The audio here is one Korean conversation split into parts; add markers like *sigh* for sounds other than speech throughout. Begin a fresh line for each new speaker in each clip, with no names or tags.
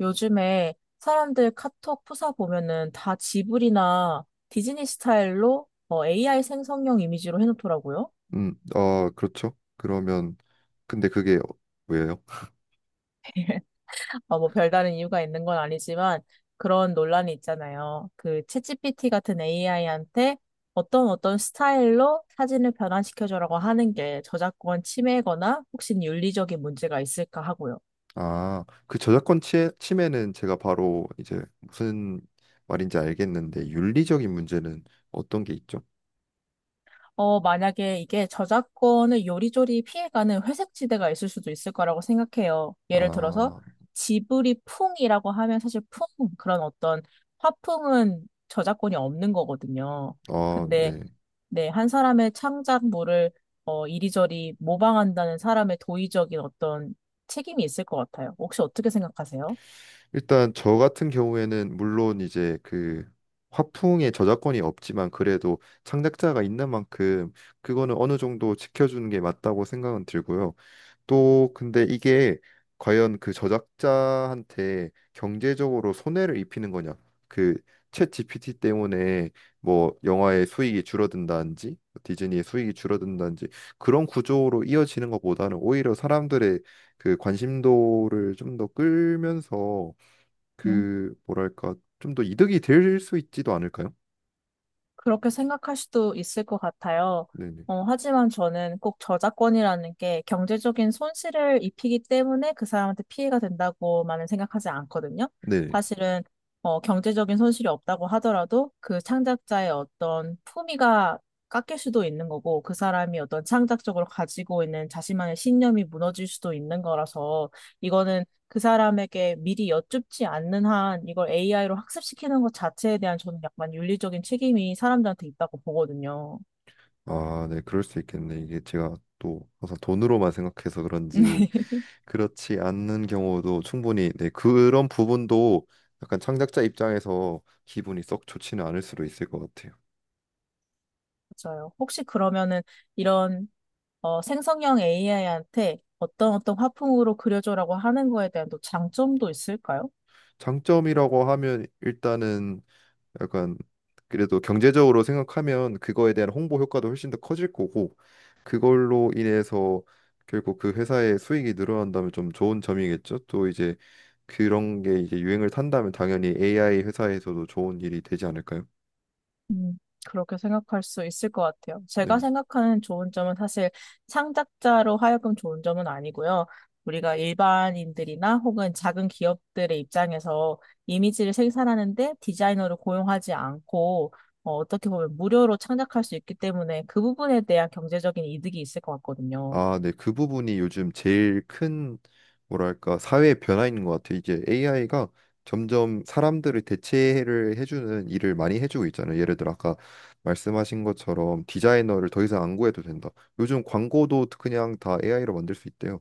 요즘에 사람들 카톡 프사 보면은 다 지브리나 디즈니 스타일로 뭐 AI 생성형 이미지로 해놓더라고요.
어, 그렇죠. 그러면 근데 그게 왜요?
뭐 별다른 이유가 있는 건 아니지만 그런 논란이 있잖아요. 그 챗GPT 같은 AI한테 어떤 스타일로 사진을 변환시켜줘라고 하는 게 저작권 침해거나 혹시 윤리적인 문제가 있을까 하고요.
아, 그 저작권 침해는 제가 바로 이제 무슨 말인지 알겠는데 윤리적인 문제는 어떤 게 있죠?
만약에 이게 저작권을 요리조리 피해가는 회색지대가 있을 수도 있을 거라고 생각해요. 예를 들어서
아,
지브리 풍이라고 하면 사실 풍, 그런 어떤 화풍은 저작권이 없는 거거든요.
어,
근데
네.
네, 한 사람의 창작물을 이리저리 모방한다는 사람의 도의적인 어떤 책임이 있을 것 같아요. 혹시 어떻게 생각하세요?
일단 저 같은 경우에는 물론 이제 그 화풍에 저작권이 없지만 그래도 창작자가 있는 만큼 그거는 어느 정도 지켜주는 게 맞다고 생각은 들고요. 또 근데 이게 과연 그 저작자한테 경제적으로 손해를 입히는 거냐? 그챗 GPT 때문에 뭐 영화의 수익이 줄어든다든지 디즈니의 수익이 줄어든다든지 그런 구조로 이어지는 것보다는 오히려 사람들의 그 관심도를 좀 더 끌면서
음.
그 뭐랄까 좀 더 이득이 될 수 있지도 않을까요?
그렇게 생각할 수도 있을 것 같아요.
네네.
하지만 저는 꼭 저작권이라는 게 경제적인 손실을 입히기 때문에 그 사람한테 피해가 된다고만은 생각하지 않거든요. 사실은 경제적인 손실이 없다고 하더라도 그 창작자의 어떤 품위가 깎일 수도 있는 거고, 그 사람이 어떤 창작적으로 가지고 있는 자신만의 신념이 무너질 수도 있는 거라서 이거는 그 사람에게 미리 여쭙지 않는 한 이걸 AI로 학습시키는 것 자체에 대한 저는 약간 윤리적인 책임이 사람들한테 있다고 보거든요.
아, 네, 그럴 수 있겠네. 이게 제가 또 항상 돈으로만 생각해서 그런지,
*laughs*
그렇지 않는 경우도 충분히, 네, 그런 부분도 약간 창작자 입장에서 기분이 썩 좋지는 않을 수도 있을 것 같아요.
맞아요. 혹시 그러면은 이런 생성형 AI한테 어떤 화풍으로 그려줘라고 하는 거에 대한 또 장점도 있을까요?
장점이라고 하면 일단은 약간, 그래도 경제적으로 생각하면 그거에 대한 홍보 효과도 훨씬 더 커질 거고, 그걸로 인해서 결국 그 회사의 수익이 늘어난다면 좀 좋은 점이겠죠. 또 이제 그런 게 이제 유행을 탄다면 당연히 AI 회사에서도 좋은 일이 되지 않을까요?
음, 그렇게 생각할 수 있을 것 같아요. 제가
네.
생각하는 좋은 점은 사실 창작자로 하여금 좋은 점은 아니고요. 우리가 일반인들이나 혹은 작은 기업들의 입장에서 이미지를 생산하는데 디자이너를 고용하지 않고 어떻게 보면 무료로 창작할 수 있기 때문에 그 부분에 대한 경제적인 이득이 있을 것 같거든요.
아, 네. 그 부분이 요즘 제일 큰, 뭐랄까, 사회의 변화인 것 같아요. 이제 AI가 점점 사람들을 대체를 해주는 일을 많이 해주고 있잖아요. 예를 들어 아까 말씀하신 것처럼 디자이너를 더 이상 안 구해도 된다. 요즘 광고도 그냥 다 AI로 만들 수 있대요.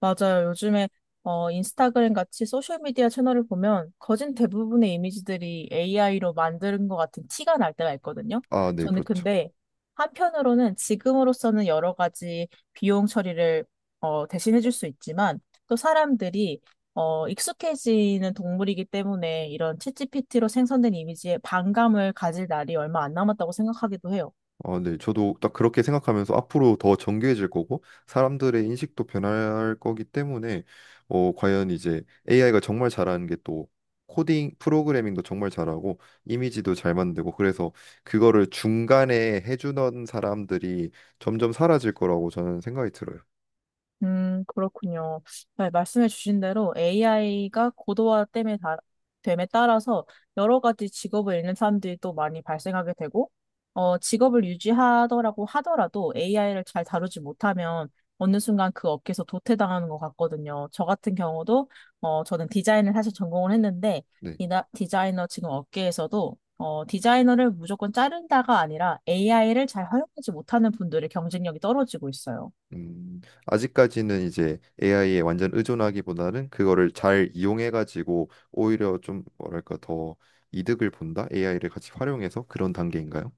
맞아요. 요즘에 인스타그램 같이 소셜미디어 채널을 보면 거진 대부분의 이미지들이 AI로 만든 것 같은 티가 날 때가 있거든요.
아, 네,
저는
그렇죠.
근데 한편으로는 지금으로서는 여러 가지 비용 처리를 대신해 줄 수 있지만 또 사람들이 익숙해지는 동물이기 때문에 이런 챗GPT로 생성된 이미지에 반감을 가질 날이 얼마 안 남았다고 생각하기도 해요.
어, 네. 저도 딱 그렇게 생각하면서 앞으로 더 정교해질 거고 사람들의 인식도 변할 거기 때문에, 어, 과연 이제 AI가 정말 잘하는 게 또 코딩 프로그래밍도 정말 잘하고 이미지도 잘 만들고. 그래서 그거를 중간에 해주던 사람들이 점점 사라질 거라고 저는 생각이 들어요.
그렇군요. 네, 말씀해 주신 대로 AI가 고도화 됨에 따라서 여러 가지 직업을 잃는 사람들이 또 많이 발생하게 되고, 직업을 유지하더라고 하더라도 AI를 잘 다루지 못하면 어느 순간 그 업계에서 도태당하는 것 같거든요. 저 같은 경우도, 저는 디자인을 사실 전공을 했는데,
네.
디자이너 지금 업계에서도, 디자이너를 무조건 자른다가 아니라 AI를 잘 활용하지 못하는 분들의 경쟁력이 떨어지고 있어요.
음, 아직까지는 이제 AI에 완전 의존하기보다는 그거를 잘 이용해가지고 오히려 좀, 뭐랄까, 더 이득을 본다? AI를 같이 활용해서 그런 단계인가요?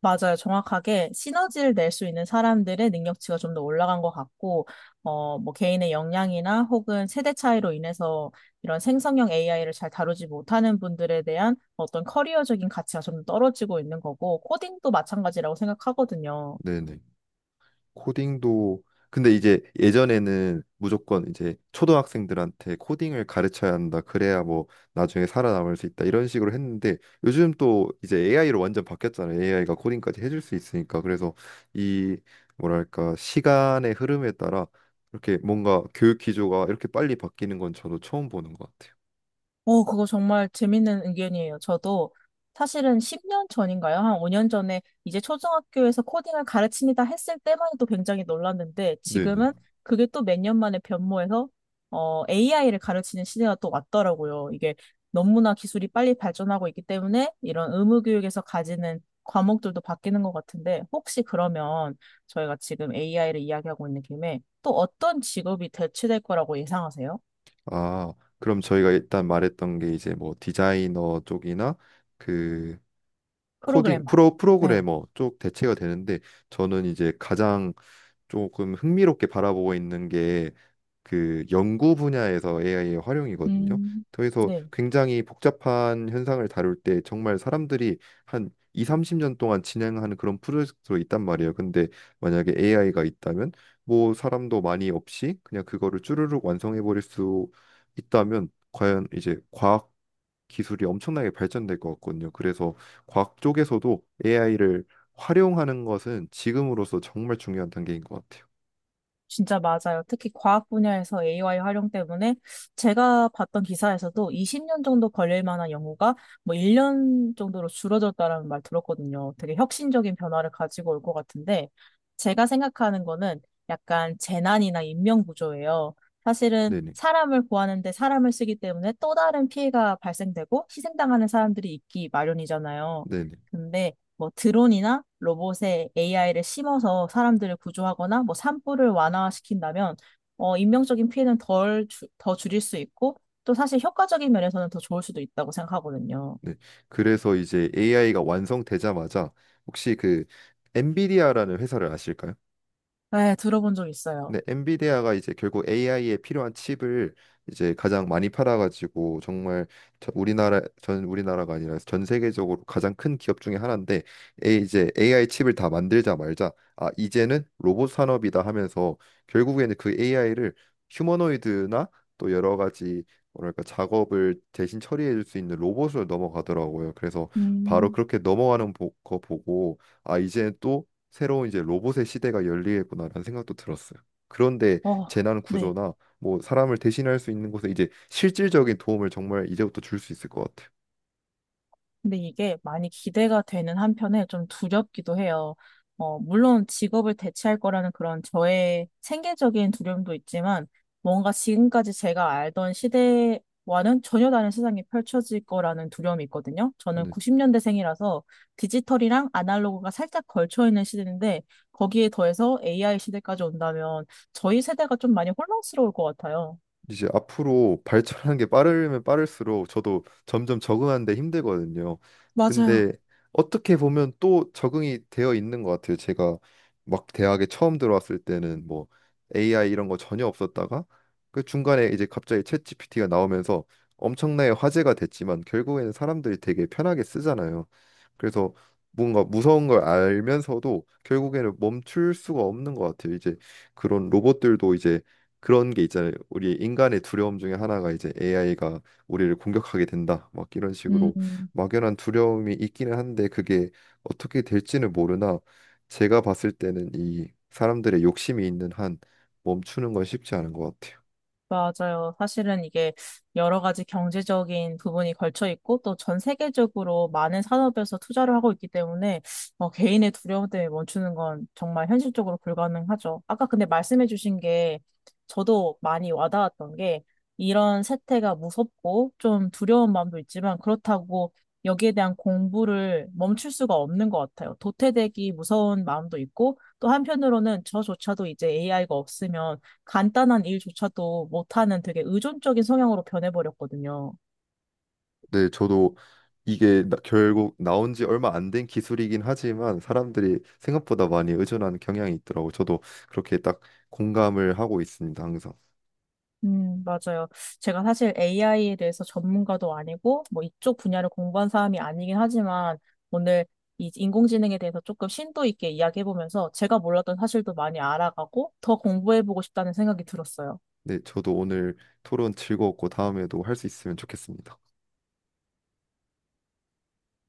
맞아요. 정확하게 시너지를 낼 수 있는 사람들의 능력치가 좀 더 올라간 것 같고, 뭐 개인의 역량이나 혹은 세대 차이로 인해서 이런 생성형 AI를 잘 다루지 못하는 분들에 대한 어떤 커리어적인 가치가 좀 떨어지고 있는 거고, 코딩도 마찬가지라고 생각하거든요.
네네. 코딩도, 근데 이제 예전에는 무조건 이제 초등학생들한테 코딩을 가르쳐야 한다, 그래야 뭐 나중에 살아남을 수 있다, 이런 식으로 했는데 요즘 또 이제 AI로 완전 바뀌었잖아요. AI가 코딩까지 해줄 수 있으니까. 그래서 이, 뭐랄까, 시간의 흐름에 따라 이렇게 뭔가 교육 기조가 이렇게 빨리 바뀌는 건 저도 처음 보는 것 같아요.
오, 그거 정말 재밌는 의견이에요. 저도 사실은 10년 전인가요? 한 5년 전에 이제 초등학교에서 코딩을 가르칩니다 했을 때만 해도 굉장히 놀랐는데,
네네.
지금은 그게 또 몇 년 만에 변모해서 AI를 가르치는 시대가 또 왔더라고요. 이게 너무나 기술이 빨리 발전하고 있기 때문에 이런 의무교육에서 가지는 과목들도 바뀌는 것 같은데, 혹시 그러면 저희가 지금 AI를 이야기하고 있는 김에 또 어떤 직업이 대체될 거라고 예상하세요?
아, 그럼 저희가 일단 말했던 게 이제 뭐 디자이너 쪽이나 그 코딩
프로그래머.
프로
네.
프로그래머 쪽 대체가 되는데, 저는 이제 가장 조금 흥미롭게 바라보고 있는 게 그 연구 분야에서 AI의 활용이거든요.
음,
그래서
네,
굉장히 복잡한 현상을 다룰 때 정말 사람들이 한 2, 30년 동안 진행하는 그런 프로젝트로 있단 말이에요. 근데 만약에 AI가 있다면 뭐 사람도 많이 없이 그냥 그거를 쭈르륵 완성해 버릴 수 있다면 과연 이제 과학 기술이 엄청나게 발전될 것 같거든요. 그래서 과학 쪽에서도 AI를 활용하는 것은 지금으로서 정말 중요한 단계인 것 같아요.
진짜 맞아요. 특히 과학 분야에서 AI 활용 때문에 제가 봤던 기사에서도 20년 정도 걸릴 만한 연구가 뭐 1년 정도로 줄어졌다라는 말 들었거든요. 되게 혁신적인 변화를 가지고 올 것 같은데 제가 생각하는 거는 약간 재난이나 인명 구조예요. 사실은
네네.
사람을 구하는데 사람을 쓰기 때문에 또 다른 피해가 발생되고 희생당하는 사람들이 있기 마련이잖아요.
네네.
근데 뭐 드론이나 로봇에 AI를 심어서 사람들을 구조하거나 뭐 산불을 완화시킨다면 인명적인 피해는 더 줄일 수 있고 또 사실 효과적인 면에서는 더 좋을 수도 있다고 생각하거든요.
네. 그래서 이제 AI가 완성되자마자 혹시 그 엔비디아라는 회사를 아실까요?
네, 들어본 적 있어요.
근데 엔비디아가 이제 결국 AI에 필요한 칩을 이제 가장 많이 팔아가지고 정말 우리나라가 아니라 전 세계적으로 가장 큰 기업 중에 하나인데, 에 이제 AI 칩을 다 만들자 말자 아 이제는 로봇 산업이다 하면서 결국에는 그 AI를 휴머노이드나 또 여러 가지, 뭐랄까, 작업을 대신 처리해 줄 수 있는 로봇으로 넘어가더라고요. 그래서 바로
음.
그렇게 넘어가는 거 보고 아 이제 또 새로운 이제 로봇의 시대가 열리겠구나라는 생각도 들었어요. 그런데
어,
재난
네.
구조나 뭐 사람을 대신할 수 있는 곳에 이제 실질적인 도움을 정말 이제부터 줄 수 있을 것 같아요.
근데 이게 많이 기대가 되는 한편에 좀 두렵기도 해요. 물론 직업을 대체할 거라는 그런 저의 생계적인 두려움도 있지만 뭔가 지금까지 제가 알던 시대와는 전혀 다른 세상이 펼쳐질 거라는 두려움이 있거든요. 저는
네.
90년대생이라서 디지털이랑 아날로그가 살짝 걸쳐 있는 시대인데 거기에 더해서 AI 시대까지 온다면 저희 세대가 좀 많이 혼란스러울 것 같아요.
이제 앞으로 발전하는 게 빠르면 빠를수록 저도 점점 적응하는데 힘들거든요.
맞아요.
근데 어떻게 보면 또 적응이 되어 있는 것 같아요. 제가 막 대학에 처음 들어왔을 때는 뭐 AI 이런 거 전혀 없었다가 그 중간에 이제 갑자기 챗 GPT가 나오면서 엄청나게 화제가 됐지만 결국에는 사람들이 되게 편하게 쓰잖아요. 그래서 뭔가 무서운 걸 알면서도 결국에는 멈출 수가 없는 것 같아요. 이제 그런 로봇들도 이제 그런 게 있잖아요. 우리 인간의 두려움 중에 하나가 이제 AI가 우리를 공격하게 된다. 막 이런 식으로
음.
막연한 두려움이 있기는 한데 그게 어떻게 될지는 모르나 제가 봤을 때는 이 사람들의 욕심이 있는 한 멈추는 건 쉽지 않은 것 같아요.
맞아요. 사실은 이게 여러 가지 경제적인 부분이 걸쳐 있고 또 전 세계적으로 많은 산업에서 투자를 하고 있기 때문에 개인의 두려움 때문에 멈추는 건 정말 현실적으로 불가능하죠. 아까 근데 말씀해 주신 게 저도 많이 와닿았던 게, 이런 세태가 무섭고 좀 두려운 마음도 있지만 그렇다고 여기에 대한 공부를 멈출 수가 없는 것 같아요. 도태되기 무서운 마음도 있고 또 한편으로는 저조차도 이제 AI가 없으면 간단한 일조차도 못하는 되게 의존적인 성향으로 변해버렸거든요.
네, 저도 이게 결국 나온 지 얼마 안 된 기술이긴 하지만 사람들이 생각보다 많이 의존하는 경향이 있더라고. 저도 그렇게 딱 공감을 하고 있습니다, 항상.
맞아요. 제가 사실 AI에 대해서 전문가도 아니고, 뭐 이쪽 분야를 공부한 사람이 아니긴 하지만, 오늘 이 인공지능에 대해서 조금 심도 있게 이야기해보면서 제가 몰랐던 사실도 많이 알아가고, 더 공부해보고 싶다는 생각이 들었어요.
네, 저도 오늘 토론 즐거웠고 다음에도 할 수 있으면 좋겠습니다.